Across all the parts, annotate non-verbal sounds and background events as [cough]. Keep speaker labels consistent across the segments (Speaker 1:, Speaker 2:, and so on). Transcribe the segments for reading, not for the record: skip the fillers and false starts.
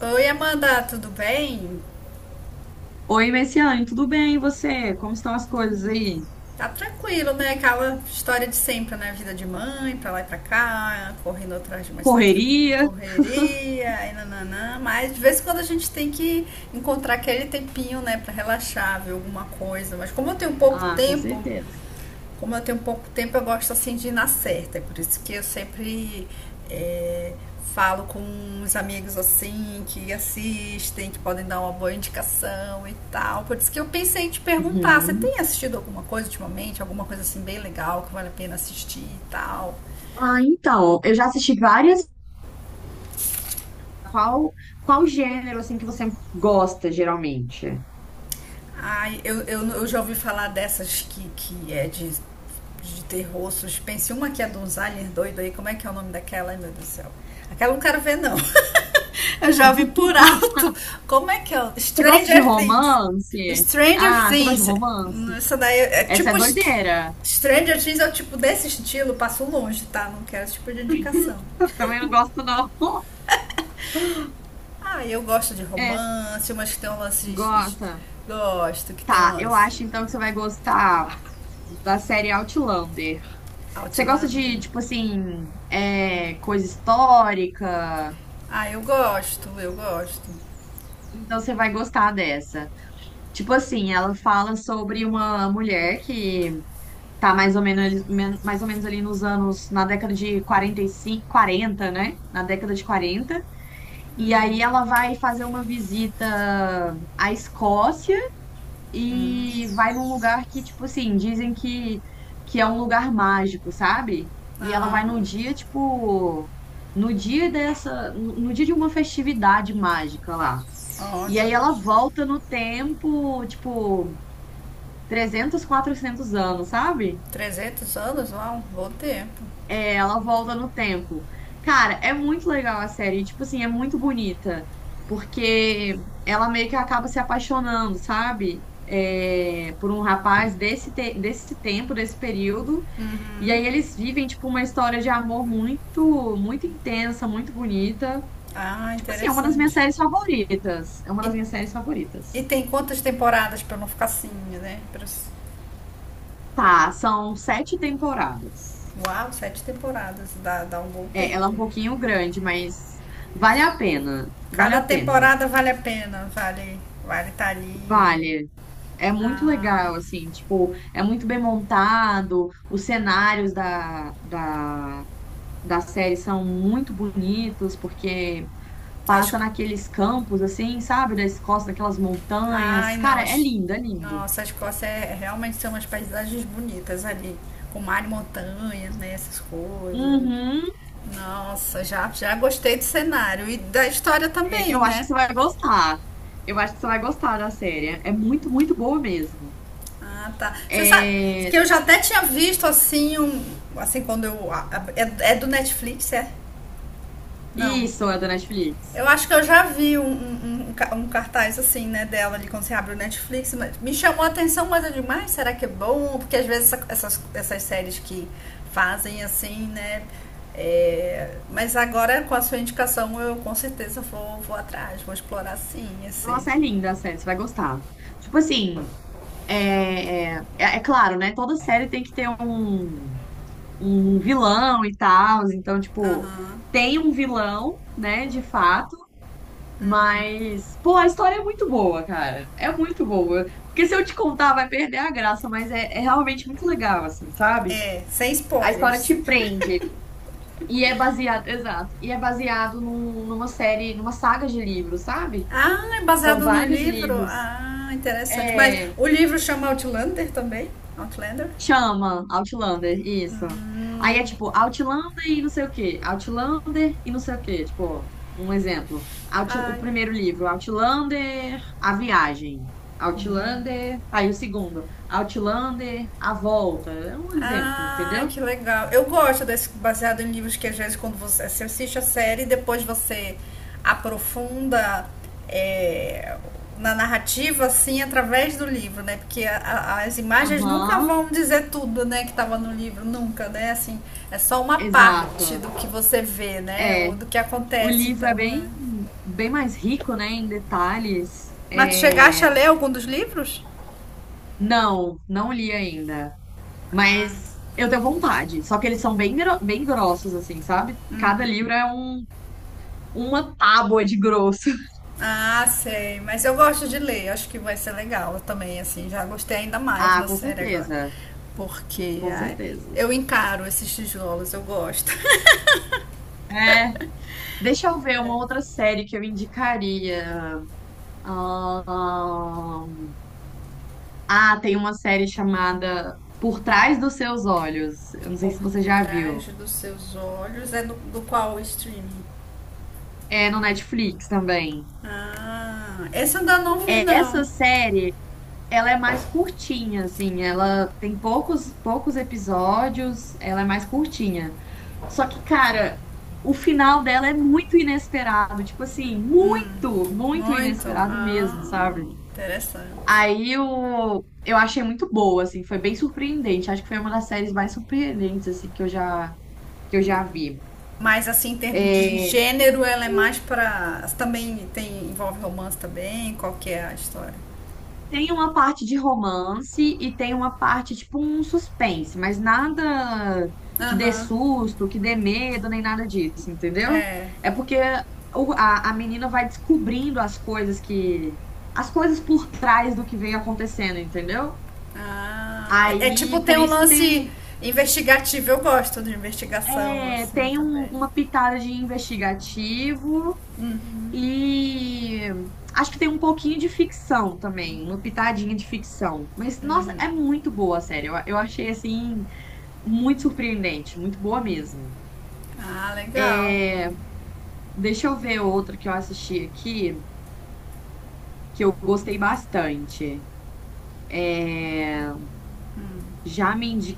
Speaker 1: Oi, Amanda, tudo bem?
Speaker 2: Oi, Messiane, tudo bem? E você? Como estão as coisas aí?
Speaker 1: Tá tranquilo, né? Aquela história de sempre, né? Vida de mãe, pra lá e pra cá, correndo atrás de uma certa
Speaker 2: Correria?
Speaker 1: correria, e nananã. Mas de vez em quando a gente tem que encontrar aquele tempinho, né, pra relaxar, ver alguma coisa. Mas como eu tenho pouco
Speaker 2: Ah, com
Speaker 1: tempo,
Speaker 2: certeza.
Speaker 1: como eu tenho pouco tempo, eu gosto assim de ir na certa. É por isso que eu sempre é, falo com uns amigos assim que assistem, que podem dar uma boa indicação e tal. Por isso que eu pensei em te perguntar, você
Speaker 2: Uhum.
Speaker 1: tem assistido alguma coisa ultimamente? Alguma coisa assim bem legal que vale a pena assistir e tal?
Speaker 2: Ah, então, eu já assisti várias. Qual, qual gênero, assim, que você gosta, geralmente? [laughs]
Speaker 1: Ai, eu já ouvi falar dessas que é de terror, suspense. Uma que é dos aliens doido aí, como é que é o nome daquela? Ai, meu Deus do céu. Aquela eu não quero ver, não. [laughs] Eu já ouvi por
Speaker 2: Ah,
Speaker 1: alto. Como é que é?
Speaker 2: você gosta de
Speaker 1: Stranger Things.
Speaker 2: romance?
Speaker 1: Stranger
Speaker 2: Ah, você gosta de
Speaker 1: Things.
Speaker 2: romance?
Speaker 1: Essa daí é
Speaker 2: Essa é
Speaker 1: tipo.
Speaker 2: doideira.
Speaker 1: Stranger Things é o tipo desse estilo, passo longe, tá? Não quero esse tipo de indicação.
Speaker 2: [laughs] Também não gosto, não.
Speaker 1: Ah, eu gosto de
Speaker 2: É,
Speaker 1: romance, umas que tem um lance.
Speaker 2: gosta.
Speaker 1: Gosto, que tem
Speaker 2: Tá, eu
Speaker 1: umas
Speaker 2: acho então que você vai gostar da série Outlander. Você gosta
Speaker 1: Outlander.
Speaker 2: de, tipo assim, é, coisa histórica?
Speaker 1: Ah, eu gosto, eu gosto.
Speaker 2: Então você vai gostar dessa. Tipo assim, ela fala sobre uma mulher que tá mais ou menos, mais ou menos ali nos anos, na década de 45, 40, né? Na década de quarenta. E aí ela vai fazer uma visita à Escócia e vai num lugar que, tipo assim, dizem que é um lugar mágico, sabe? E ela
Speaker 1: Ah,
Speaker 2: vai no dia, tipo, no dia dessa, no dia de uma festividade mágica lá. E
Speaker 1: olha,
Speaker 2: aí ela volta no tempo, tipo, 300, 400 anos, sabe?
Speaker 1: 300 anos, uau, bom tempo.
Speaker 2: É, ela volta no tempo. Cara, é muito legal a série, tipo assim, é muito bonita, porque ela meio que acaba se apaixonando, sabe? É, por um rapaz desse, desse tempo, desse período, e aí eles vivem, tipo, uma história de amor muito, muito intensa, muito bonita.
Speaker 1: Ah,
Speaker 2: Tipo assim, é uma das minhas
Speaker 1: interessante.
Speaker 2: séries favoritas. É uma
Speaker 1: E,
Speaker 2: das minhas séries
Speaker 1: e
Speaker 2: favoritas.
Speaker 1: tem quantas temporadas para não ficar assim, né?
Speaker 2: Tá, são sete temporadas.
Speaker 1: Uau, sete temporadas, dá, dá um bom
Speaker 2: É, ela é um
Speaker 1: tempo.
Speaker 2: pouquinho grande, mas vale a pena. Vale
Speaker 1: Cada
Speaker 2: a pena.
Speaker 1: temporada vale a pena, vale estar ali.
Speaker 2: Vale. É muito legal, assim, tipo, é muito bem montado, os cenários da série são muito bonitos, porque
Speaker 1: As,
Speaker 2: passa naqueles campos, assim, sabe, da Escócia, daquelas
Speaker 1: Ai,
Speaker 2: montanhas.
Speaker 1: não.
Speaker 2: Cara, é lindo, é lindo.
Speaker 1: Nossa, a Escócia é, realmente são umas paisagens bonitas ali, com mar e montanha, né? Essas coisas.
Speaker 2: Uhum.
Speaker 1: Nossa, já, já gostei do cenário e da história
Speaker 2: É,
Speaker 1: também,
Speaker 2: eu acho que
Speaker 1: né?
Speaker 2: você vai gostar. Eu acho que você vai gostar da série. É muito, muito boa mesmo.
Speaker 1: Ah, tá. Você sabe
Speaker 2: É,
Speaker 1: que eu já até tinha visto assim um, assim quando eu é, é do Netflix, é? Não.
Speaker 2: isso, é da
Speaker 1: Eu
Speaker 2: Netflix.
Speaker 1: acho que eu já vi um cartaz assim, né, dela ali quando você abre o Netflix. Me chamou a atenção, mas eu digo, mas será que é bom? Porque às vezes essas, essas séries que fazem assim, né? É, mas agora com a sua indicação eu com certeza vou, vou atrás, vou explorar sim esse.
Speaker 2: Nossa, é linda a série, você vai gostar. Tipo assim, é claro, né? Toda série tem que ter um, um vilão e tal. Então, tipo, tem um vilão, né, de fato. Mas, pô, a história é muito boa, cara. É muito boa. Porque se eu te contar, vai perder a graça, mas é, é realmente muito legal, assim, sabe?
Speaker 1: É, sem
Speaker 2: A história
Speaker 1: spoilers.
Speaker 2: te prende. E é baseado, exato. E é baseado numa série, numa saga de livros, sabe?
Speaker 1: Ah, é
Speaker 2: São
Speaker 1: baseado no
Speaker 2: vários
Speaker 1: livro?
Speaker 2: livros.
Speaker 1: Ah, interessante. Mas
Speaker 2: É,
Speaker 1: o livro chama Outlander também? Outlander?
Speaker 2: chama Outlander, isso. Aí é tipo Outlander e não sei o quê, Outlander e não sei o quê, tipo, um exemplo.
Speaker 1: Ah,
Speaker 2: O primeiro livro, Outlander, A Viagem. Outlander, aí o segundo, Outlander, A Volta. É um exemplo,
Speaker 1: ai,
Speaker 2: entendeu?
Speaker 1: que legal. Eu gosto desse baseado em livros que às vezes quando você, você assiste a série e depois você aprofunda é, na narrativa, assim, através do livro, né? Porque as imagens nunca
Speaker 2: Aham,
Speaker 1: vão dizer tudo, né, que estava no livro, nunca, né? Assim, é só uma parte
Speaker 2: exato.
Speaker 1: do que você vê, né?
Speaker 2: É,
Speaker 1: Ou do que
Speaker 2: o
Speaker 1: acontece,
Speaker 2: livro é
Speaker 1: então.
Speaker 2: bem,
Speaker 1: É.
Speaker 2: bem mais rico, né, em detalhes.
Speaker 1: Mas tu chegaste a
Speaker 2: É,
Speaker 1: ler algum dos livros?
Speaker 2: não, não li ainda. Mas eu tenho vontade. Só que eles são bem, bem grossos, assim, sabe? Cada livro é um, uma tábua de grosso. [laughs]
Speaker 1: Ah, sei. Mas eu gosto de ler. Acho que vai ser legal também, assim. Já gostei ainda mais
Speaker 2: Ah,
Speaker 1: da
Speaker 2: com
Speaker 1: série agora.
Speaker 2: certeza.
Speaker 1: Porque
Speaker 2: Com
Speaker 1: ai,
Speaker 2: certeza.
Speaker 1: eu encaro esses tijolos, eu gosto. [laughs]
Speaker 2: É. Deixa eu ver uma
Speaker 1: É.
Speaker 2: outra série que eu indicaria. Ahn, Ah, tem uma série chamada Por Trás dos Seus Olhos. Eu não sei
Speaker 1: Por
Speaker 2: se você já
Speaker 1: trás
Speaker 2: viu.
Speaker 1: dos seus olhos é do, do qual streaming?
Speaker 2: É no Netflix também.
Speaker 1: Ah, esse eu ainda não vi,
Speaker 2: É, essa
Speaker 1: não.
Speaker 2: série ela é mais curtinha, assim, ela tem poucos, poucos episódios, ela é mais curtinha. Só que, cara, o final dela é muito inesperado, tipo assim, muito, muito
Speaker 1: Muito.
Speaker 2: inesperado
Speaker 1: Ah,
Speaker 2: mesmo, sabe?
Speaker 1: interessante.
Speaker 2: Aí eu achei muito boa, assim, foi bem surpreendente. Acho que foi uma das séries mais surpreendentes, assim, que eu já vi.
Speaker 1: Mas assim, em termos de gênero, ela é mais pra. Também tem, envolve romance também? Qual que é a história?
Speaker 2: Tem uma parte de romance e tem uma parte, tipo, um suspense, mas nada que dê
Speaker 1: Aham,
Speaker 2: susto, que dê medo, nem nada disso, entendeu?
Speaker 1: é.
Speaker 2: É porque a menina vai descobrindo as coisas que. As coisas por trás do que vem acontecendo, entendeu?
Speaker 1: Ah, é, é
Speaker 2: Aí,
Speaker 1: tipo
Speaker 2: por
Speaker 1: tem um
Speaker 2: isso que tem
Speaker 1: lance
Speaker 2: um,
Speaker 1: investigativo. Eu gosto de investigação
Speaker 2: é,
Speaker 1: assim
Speaker 2: tem um-
Speaker 1: também.
Speaker 2: uma pitada de investigativo. E acho que tem um pouquinho de ficção também, uma pitadinha de ficção. Mas, nossa, é muito boa a série. Eu achei, assim, muito surpreendente, muito boa mesmo.
Speaker 1: Ah, legal.
Speaker 2: É, deixa eu ver outra que eu assisti aqui, que eu gostei bastante. É, já me indi-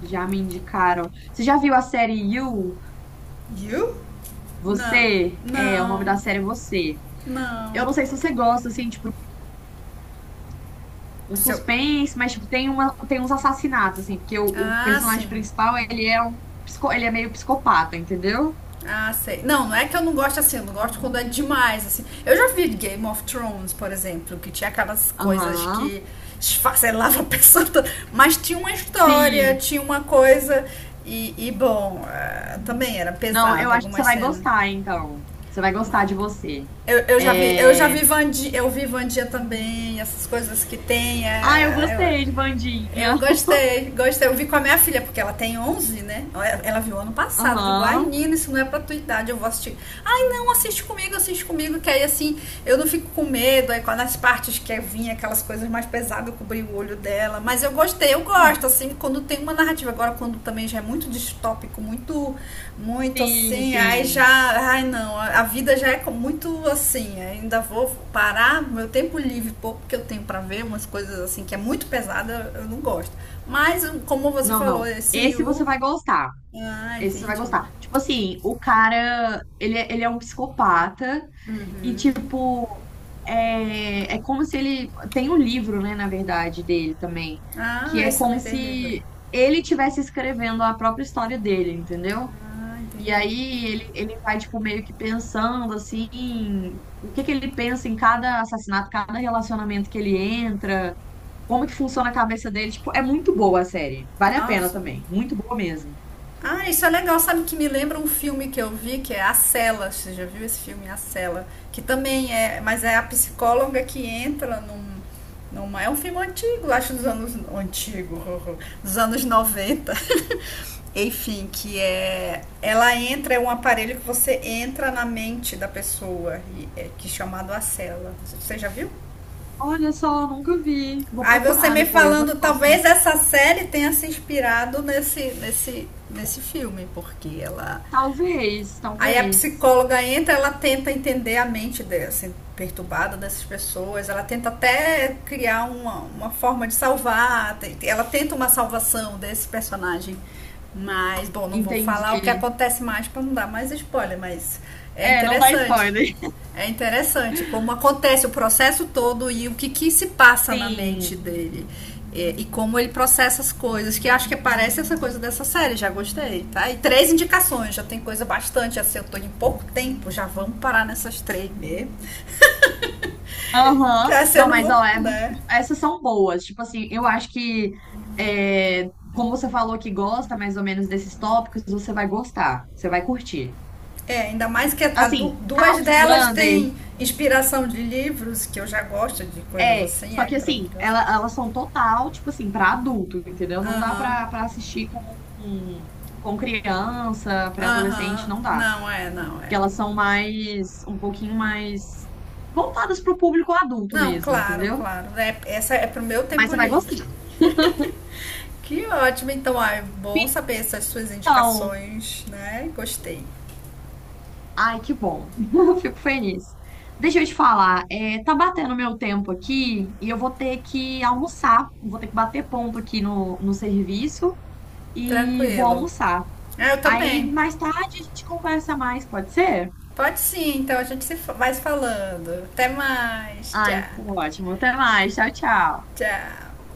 Speaker 2: já me indicaram. Você já viu a série You?
Speaker 1: You? Não,
Speaker 2: Você? É, o nome
Speaker 1: não,
Speaker 2: da série é Você.
Speaker 1: não.
Speaker 2: Eu não sei se você gosta, assim, tipo, um
Speaker 1: Seu.
Speaker 2: suspense, mas tipo, tem uma, tem uns assassinatos, assim, porque o
Speaker 1: Ah, sim.
Speaker 2: personagem principal, ele é um, ele é meio psicopata, entendeu?
Speaker 1: Ah, sei. Não, não é que eu não gosto assim, eu não gosto quando é demais, assim. Eu já vi Game of Thrones, por exemplo, que tinha aquelas coisas
Speaker 2: Aham.
Speaker 1: que esfacelava a pessoa toda, [laughs] mas tinha uma história,
Speaker 2: Sim.
Speaker 1: tinha uma coisa, e bom, também era
Speaker 2: Não, eu
Speaker 1: pesado
Speaker 2: acho que você
Speaker 1: algumas
Speaker 2: vai
Speaker 1: cenas,
Speaker 2: gostar, então. Você vai
Speaker 1: mas
Speaker 2: gostar de você.
Speaker 1: Eu já
Speaker 2: É...
Speaker 1: vi Vandia, eu vi Vandia também, essas coisas que tem.
Speaker 2: Ah, eu gostei de Bandinha.
Speaker 1: Eu gostei, gostei. Eu vi com a minha filha, porque ela tem 11 né? Ela viu ano passado. Eu digo, ai,
Speaker 2: Aham.
Speaker 1: Nina, isso não é pra tua idade, eu vou assistir. Ai, não, assiste comigo, que aí assim, eu não fico com medo. Aí quando as partes que vinha aquelas coisas mais pesadas, eu cobri o olho dela. Mas eu gostei, eu gosto, assim, quando tem uma narrativa agora quando também já é muito distópico, muito muito
Speaker 2: Sim,
Speaker 1: assim, aí já,
Speaker 2: sim.
Speaker 1: ai não, a vida já é muito assim, ainda vou parar meu tempo livre pouco que eu tenho para ver umas coisas assim que é muito pesada, eu não gosto. Mas um, como você
Speaker 2: Não,
Speaker 1: falou,
Speaker 2: não.
Speaker 1: esse
Speaker 2: Esse você
Speaker 1: you,
Speaker 2: vai gostar.
Speaker 1: ah,
Speaker 2: Esse você vai
Speaker 1: entendi.
Speaker 2: gostar. Tipo assim, o cara, ele, ele é um psicopata. E, tipo, é, é como se ele. Tem um livro, né, na verdade, dele também,
Speaker 1: Ah,
Speaker 2: que é
Speaker 1: esse também
Speaker 2: como
Speaker 1: tem livro.
Speaker 2: se ele estivesse escrevendo a própria história dele, entendeu?
Speaker 1: Ah,
Speaker 2: E
Speaker 1: entendi.
Speaker 2: aí ele vai, tipo, meio que pensando, assim, o que que ele pensa em cada assassinato, cada relacionamento que ele entra, como que funciona a cabeça dele. Tipo, é muito boa a série. Vale a pena
Speaker 1: Nossa,
Speaker 2: também. Muito boa mesmo.
Speaker 1: ah, isso é legal, sabe que me lembra um filme que eu vi, que é A Cela. Você já viu esse filme, A Cela? Que também é, mas é a psicóloga que entra num, numa, é um filme antigo, acho dos anos antigo, [laughs] dos anos 90. [laughs] Enfim, que é ela entra é um aparelho que você entra na mente da pessoa, e é, que é chamado A Cela. Você já viu?
Speaker 2: Olha só, nunca vi. Vou
Speaker 1: Aí você
Speaker 2: procurar
Speaker 1: me
Speaker 2: depois, eu
Speaker 1: falando,
Speaker 2: gosto.
Speaker 1: talvez essa série tenha se inspirado nesse filme, porque ela
Speaker 2: Talvez,
Speaker 1: aí a
Speaker 2: talvez.
Speaker 1: psicóloga entra, ela tenta entender a mente dessa, perturbada dessas pessoas, ela tenta até criar uma forma de salvar, ela tenta uma salvação desse personagem. Mas, bom, não vou
Speaker 2: Entendi.
Speaker 1: falar o que acontece mais para não dar mais spoiler, mas é
Speaker 2: É, não dá
Speaker 1: interessante.
Speaker 2: spoiler.
Speaker 1: É interessante como acontece o processo todo e o que, que se passa na mente
Speaker 2: Sim.
Speaker 1: dele. É, e como ele processa as coisas, que acho que parece essa coisa dessa série, já gostei, tá? E três indicações, já tem coisa bastante, assim, eu tô em pouco tempo, já vamos parar nessas três mesmo. Que
Speaker 2: Aham.
Speaker 1: assim eu
Speaker 2: Não,
Speaker 1: não
Speaker 2: mas
Speaker 1: vou,
Speaker 2: ó, é muito.
Speaker 1: né?
Speaker 2: Essas são boas. Tipo assim, eu acho que é, como você falou que gosta mais ou menos desses tópicos, você vai gostar, você vai curtir.
Speaker 1: É, ainda mais que
Speaker 2: Assim, a
Speaker 1: duas delas
Speaker 2: Outlander
Speaker 1: têm inspiração de livros, que eu já gosto de coisas
Speaker 2: é,
Speaker 1: assim,
Speaker 2: só
Speaker 1: aí
Speaker 2: que assim,
Speaker 1: pronto.
Speaker 2: ela, elas são total, tipo assim, pra adulto, entendeu? Não dá
Speaker 1: Aham, uhum,
Speaker 2: pra assistir com criança, pré-adolescente,
Speaker 1: aham,
Speaker 2: não
Speaker 1: uhum.
Speaker 2: dá.
Speaker 1: Não é, não
Speaker 2: Porque
Speaker 1: é.
Speaker 2: elas são mais, um pouquinho mais voltadas pro público adulto
Speaker 1: Não,
Speaker 2: mesmo,
Speaker 1: claro,
Speaker 2: entendeu?
Speaker 1: claro. É, essa é pro meu
Speaker 2: Mas
Speaker 1: tempo
Speaker 2: você vai gostar.
Speaker 1: livre. Que ótimo, então, ah, é bom saber essas suas
Speaker 2: Então,
Speaker 1: indicações, né? Gostei.
Speaker 2: ai, que bom. [laughs] Fico feliz. Deixa eu te falar, é, tá batendo meu tempo aqui e eu vou ter que almoçar. Vou ter que bater ponto aqui no serviço e vou
Speaker 1: Tranquilo.
Speaker 2: almoçar.
Speaker 1: Ah, eu
Speaker 2: Aí
Speaker 1: também.
Speaker 2: mais tarde a gente conversa mais, pode ser?
Speaker 1: Pode sim, então a gente se fa- vai se falando. Até mais. Tchau,
Speaker 2: Ai, tá ótimo. Até mais. Tchau, tchau.
Speaker 1: tchau.